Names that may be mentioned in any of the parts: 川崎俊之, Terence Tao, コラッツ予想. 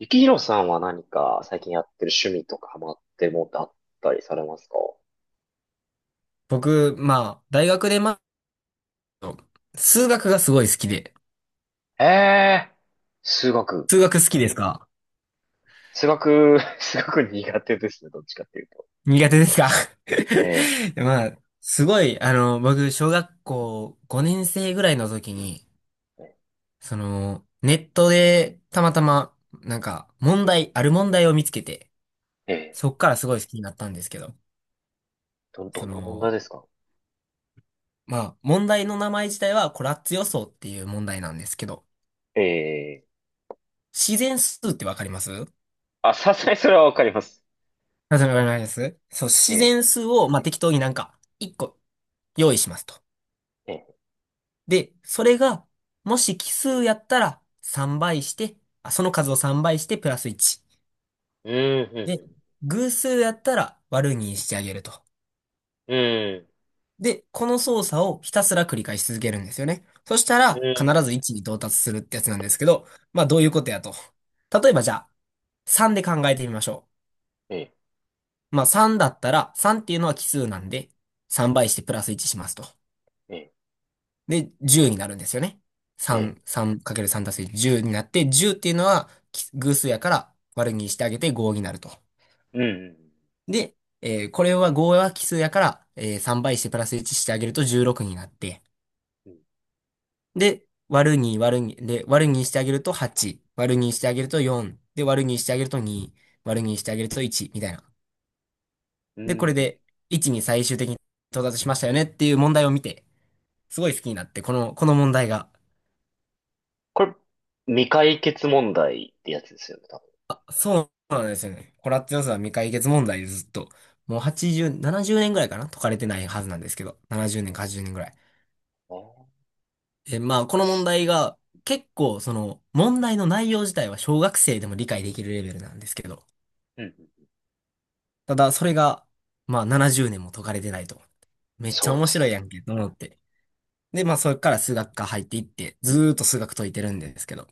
ゆきひろさんは何か最近やってる趣味とかハマってるものってあったりされますか？僕、まあ、大学で、まあ、数学がすごい好きで。ええー、数学。数学好きですか？数学、数学苦手ですね、どっちかっていうと。苦手ですか？ え まあ、すごい、あの、僕、小学校5年生ぐらいの時に、え、その、ネットで、たまたま、なんか、ある問題を見つけて、ええ、そっからすごい好きになったんですけど、どそんな問題の、ですか？まあ、問題の名前自体は、コラッツ予想っていう問題なんですけど、ええ、自然数ってわかります？あ、さすがにそれはわかります。あ、それわかります。そう、え自え、然数を、まあ、適当になんか、1個用意しますと。ええ、で、それが、もし奇数やったら3倍して、あ、その数を3倍してプラス1。うで、ん、偶数やったら割るにしてあげると。うん、うん、で、この操作をひたすら繰り返し続けるんですよね。そしたうら、必ん、ず1に到達するってやつなんですけど、まあどういうことやと。例えばじゃあ、3で考えてみましょええ、う。まあ3だったら、3っていうのは奇数なんで、3倍してプラス1しますと。ええ、で、10になるんですよね。ええ、3、3×3 足す10になって、10っていうのは奇偶数やから割るにしてあげて5になると。うん、で、これは5は奇数やから、3倍してプラス1してあげると16になって、うん、うで、割るにで、割るにしてあげると8、割るにしてあげると4、で、割るにしてあげると2、割るにしてあげると1、みたいな。ん、うで、これんうん。で1に最終的に到達しましたよねっていう問題を見て、すごい好きになって、この問題が。これ、未解決問題ってやつですよね、多分そうなんですよね。コラッツ予算は未解決問題でずっと、もう80、70年ぐらいかな解かれてないはずなんですけど、70年か80年ぐらい。ね。で、まあ、この問題が、結構、その、問題の内容自体は小学生でも理解できるレベルなんですけど、うん、うん。ただ、それが、まあ、70年も解かれてないと。めっちそゃうで面すね。白いやんけ、と思って。で、まあ、それから数学科入っていって、ずーっと数学解いてるんですけど、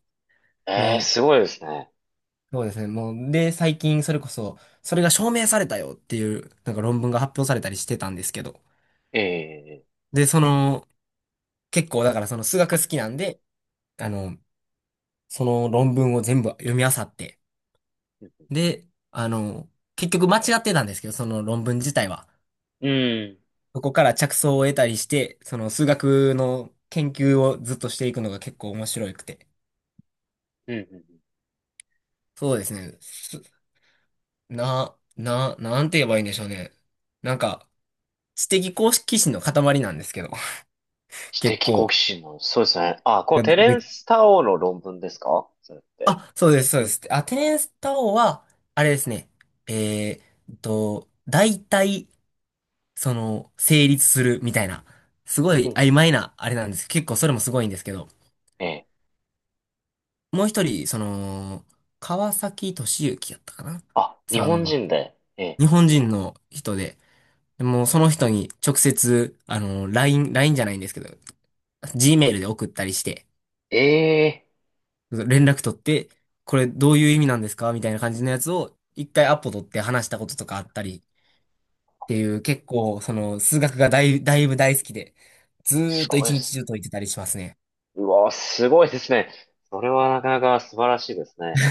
ええ、もう、すごいですね。そうですね。もう、で、最近それこそ、それが証明されたよっていう、なんか論文が発表されたりしてたんですけど。ええ、で、その、結構だからその数学好きなんで、あの、その論文を全部読み漁って。で、あの、結局間違ってたんですけど、その論文自体は。うん。そこから着想を得たりして、その数学の研究をずっとしていくのが結構面白くて。うんうんうん。そうですね。すな、な、なんて言えばいいんでしょうね。なんか、知的好奇心の塊なんですけど。知結的好構。奇心の、そうですね。あ、こう、がテレめンス・タオの論文ですかそれって？あ、そうです、そうです。アテネスタ王は、あれですね。え大体、その、成立するみたいな、すごういんう曖ん、昧な、あれなんです。結構それもすごいんですけど、ええ。もう一人、その、川崎俊之やったかなあ、日さん本が、人で。ええ。日本人の人で、でもうその人に直接、あの、LINE、ラインじゃないんですけど、g メールで送ったりして、ええ、連絡取って、これどういう意味なんですかみたいな感じのやつを、一回アポ取って話したこととかあったりっていう、結構、その、数学がだいぶ大好きで、ずーすっとごい一で日す中解いてたりしますね。ね。うわ、すごいですね。それはなかなか素晴らしいですね。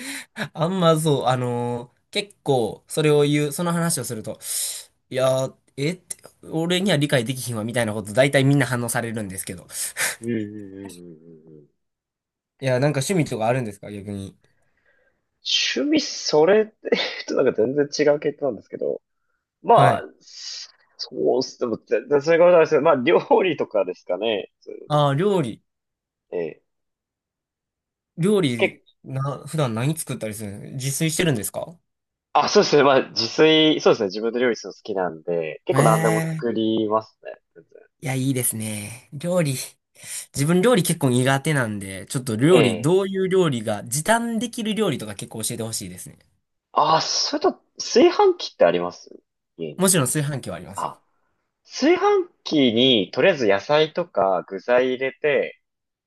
あんまそう、結構、それを言う、その話をすると、いやー、えって、俺には理解できひんわ、みたいなこと、大体みんな反応されるんですけど。うん うんうんうんうんうん。いや、なんか趣味とかあるんですか、逆に？趣味、それって、ちょっとなんか全然違う系統なんですけど。はまあ、い。そうっす。でも全然そういうことないですけど、まあ、料理とかですかね。そういうああ、料理。の、ええ。料結理、な、普段何作ったりするの？自炊してるんですか？あ、そうですね。まあ、自炊、そうですね。自分で料理するの好きなんで、結構何でもええ。作りますね。全然。いや、いいですね。料理。自分料理結構苦手なんで、ちょっとえ料理、え。どういう料理が、時短できる料理とか結構教えてほしいですね。あ、それと、炊飯器ってあります家に？もちろん炊飯器はありますよ。あ、炊飯器に、とりあえず野菜とか具材入れて、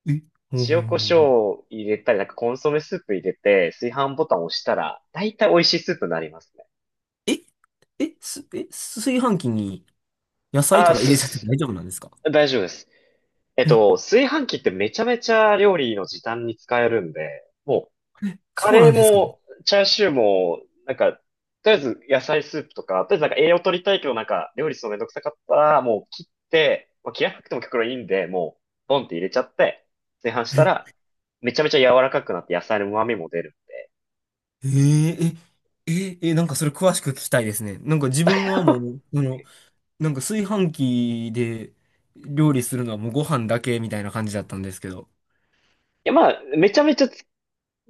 え。ほうほ塩うコほシうョウほう。を入れたり、なんかコンソメスープ入れて、炊飯ボタンを押したら、だいたい美味しいスープになりますね。え、炊飯器に野菜とあ、か入れちゃって大丈夫なんですか？大丈夫です。え、炊飯器ってめちゃめちゃ料理の時短に使えるんで、もう、カそうなレーんですか？も、チャーシューも、なんか、とりあえず野菜スープとか、とりあえずなんか栄養取りたいけどなんか料理するのめんどくさかったら、もう切って、まあ、切らなくても結構いいんで、もう、ボンって入れちゃって、炊飯したら、めちゃめちゃ柔らかくなって野菜の旨味も出るんで。え。ええ、なんかそれ詳しく聞きたいですね。なんか自分は もう、あの、なんか炊飯器で料理するのはもうご飯だけみたいな感じだったんですけど。いや、まあ、めちゃめちゃ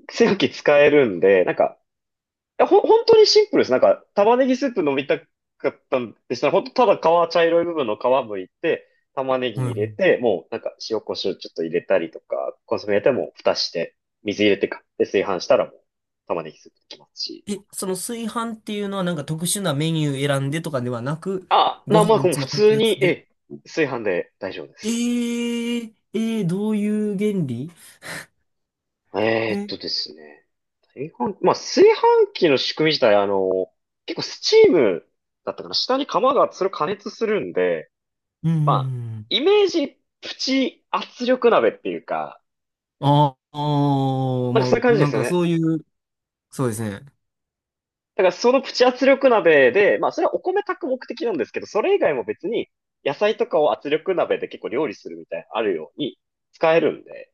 炊飯器使えるんで、なんか、本当にシンプルです。なんか、玉ねぎスープ飲みたかったんでしたら、本当ただ皮、茶色い部分の皮剥いて、玉ねぎはい入はれい。て、もうなんか塩コショウちょっと入れたりとか、コンソメ入れてもう蓋して、水入れてで、炊飯したらもう玉ねぎスープできますし。え、その炊飯っていうのはなんか特殊なメニュー選んでとかではなく、あ、ごまあ、飯いもうつ普も炊通くやつに、えで。え、炊飯で大丈夫です。どういう原理？ですね。まあ、炊飯器の仕組み自体、結構スチームだったかな。下に釜が、それを加熱するんで、うんうんまあ、うん。イメージプチ圧力鍋っていうか、ああー、なんかそういまうあ、感じでなんすよかね。そういう、そうですね。だからそのプチ圧力鍋で、まあそれはお米炊く目的なんですけど、それ以外も別に野菜とかを圧力鍋で結構料理するみたいなのあるように使えるんで。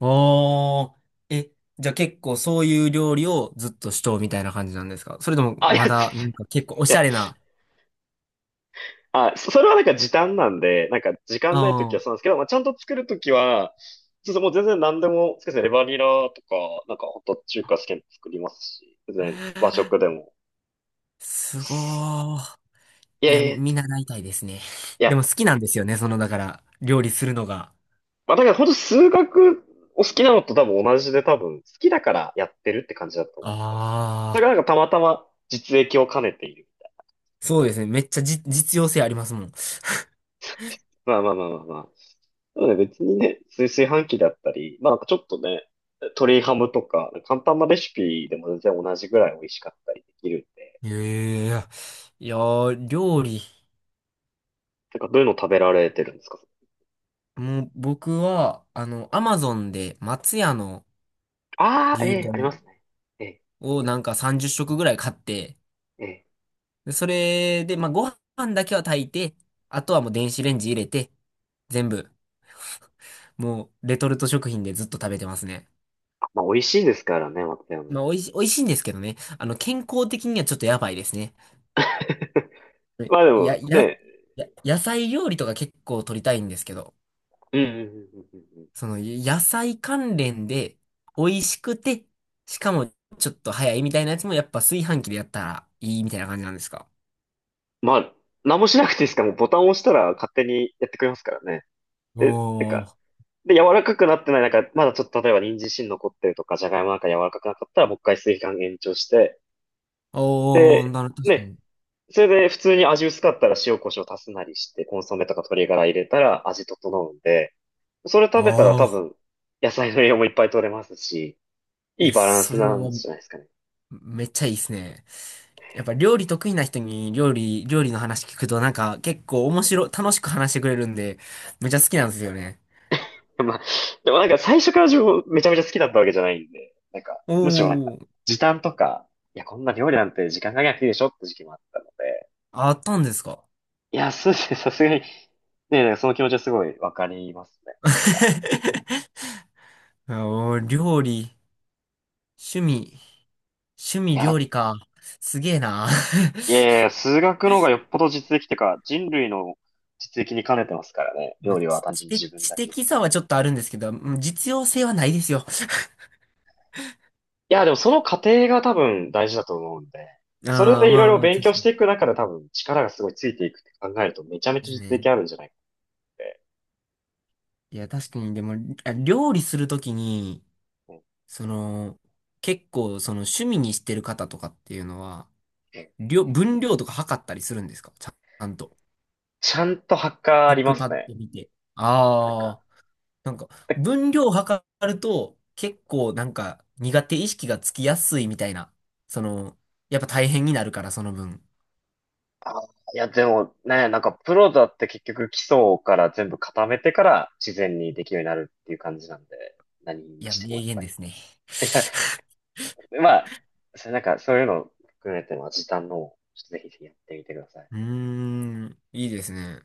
ああ、え、じゃあ結構そういう料理をずっとしとうみたいな感じなんですか？それともあ、いまや、だなんか結構おいしや、ゃれな？あ、それはなんか時短なんで、なんか時間ない時あはあ、そうなんですけど、まあちゃんと作る時は、ちょっともう全然何でも、そうですね、レバニラとか、なんかホット中華好きなの作りますし、全然和食でも。すごー。いいやや、いや、見い習いたいですね。でや、も好きなんですよね、その、だから、料理するのが。まあ、だから本当数学お好きなのと多分同じで多分好きだからやってるって感じだと思います。だあからあ、なんかたまたま実益を兼ねている。そうですね。めっちゃじ、実用性ありますもん。まあまあまあまあまあ。でもね、別にね、炊飯器だったり、まあなんかちょっとね、鶏ハムとか、簡単なレシピでも全然同じぐらい美味しかったりできるんで、ええ、いやー、料理。なんかどういうの食べられてるんですか？もう、僕は、あの、アマゾンで松屋のああー、え牛えありま丼すね。ええをなんか30食ぐらい買って、ええ、でそれで、まあ、ご飯だけは炊いて、あとはもう電子レンジ入れて、全部、もう、レトルト食品でずっと食べてますね。まあ美味しいですからね、松山。まあ、美味しいんですけどね。あの、健康的にはちょっとやばいですね。まあでもや、や、ね、や、野菜料理とか結構取りたいんですけど、うんうんうんうんうんうん。その、野菜関連で、美味しくて、しかもちょっと早いみたいなやつもやっぱ炊飯器でやったらいいみたいな感じなんですか？まあ、何もしなくていいですから、もうボタンを押したら勝手にやってくれますからね。で、なんおか、ー、で、柔らかくなってない、なんか、まだちょっと例えば人参芯残ってるとか、じゃがいもなんか柔らかくなかったら、もう一回炊飯延長して、おー、で、確かね、に。それで普通に味薄かったら塩コショウ足すなりして、コンソメとか鶏ガラ入れたら味整うんで、それ食べたらあ多あ、分、野菜の栄養もいっぱい取れますし、いいいや、バランそスれなんはじゃないですかね。めっちゃいいですね。やっぱ料理得意な人に料理、の話聞くとなんか結構面白い、楽しく話してくれるんで、めっちゃ好きなんですよね。まあ、でもなんか最初から自分めちゃめちゃ好きだったわけじゃないんで、なんか、むしろなんか、おー、時短とか、いや、こんな料理なんて時間かけなくていいでしょって時期もあったので、あったんですか？ いや、そうですね、さすがに、ね、なんかその気持ちはすごいわかりますね。なんか、おー、料理、趣味、趣い味料や、理か。すげえな。いやいや、数学の方がよっぽど実益というか、人類の実益に兼ねてますからね、ま料あ、理は単純に自分知だけで。い的さはちょっとあるんですけど、うん実用性はないですよ。や、でもその過程が多分大事だと思うんで、それああ、でいろまいあろまあ、勉確強かしていく中で多分力がすごいついていくって考えるとめちゃにめでちゃす実ね。益あるんじゃないかって。いや、確かに、でも、あ料理するときに、その、結構、その趣味にしてる方とかっていうのは、え、分量とか測ったりするんですか、ちゃんと。ちゃんとハッカーあクッりまクパすッね。ド見て。なんか、ああ。なんか、で分量を測ると、結構なんか苦手意識がつきやすいみたいな。その、やっぱ大変になるから、その分。あー、いや、でもね、なんかプロだって結局基礎から全部固めてから自然にできるようになるっていう感じなんで、何いにや、しても名やっ言ぱり。ですね。いや、まあ、それなんかそういうの含めても時短の方をちょっとぜひぜひやってみてください。うーん、いいですね。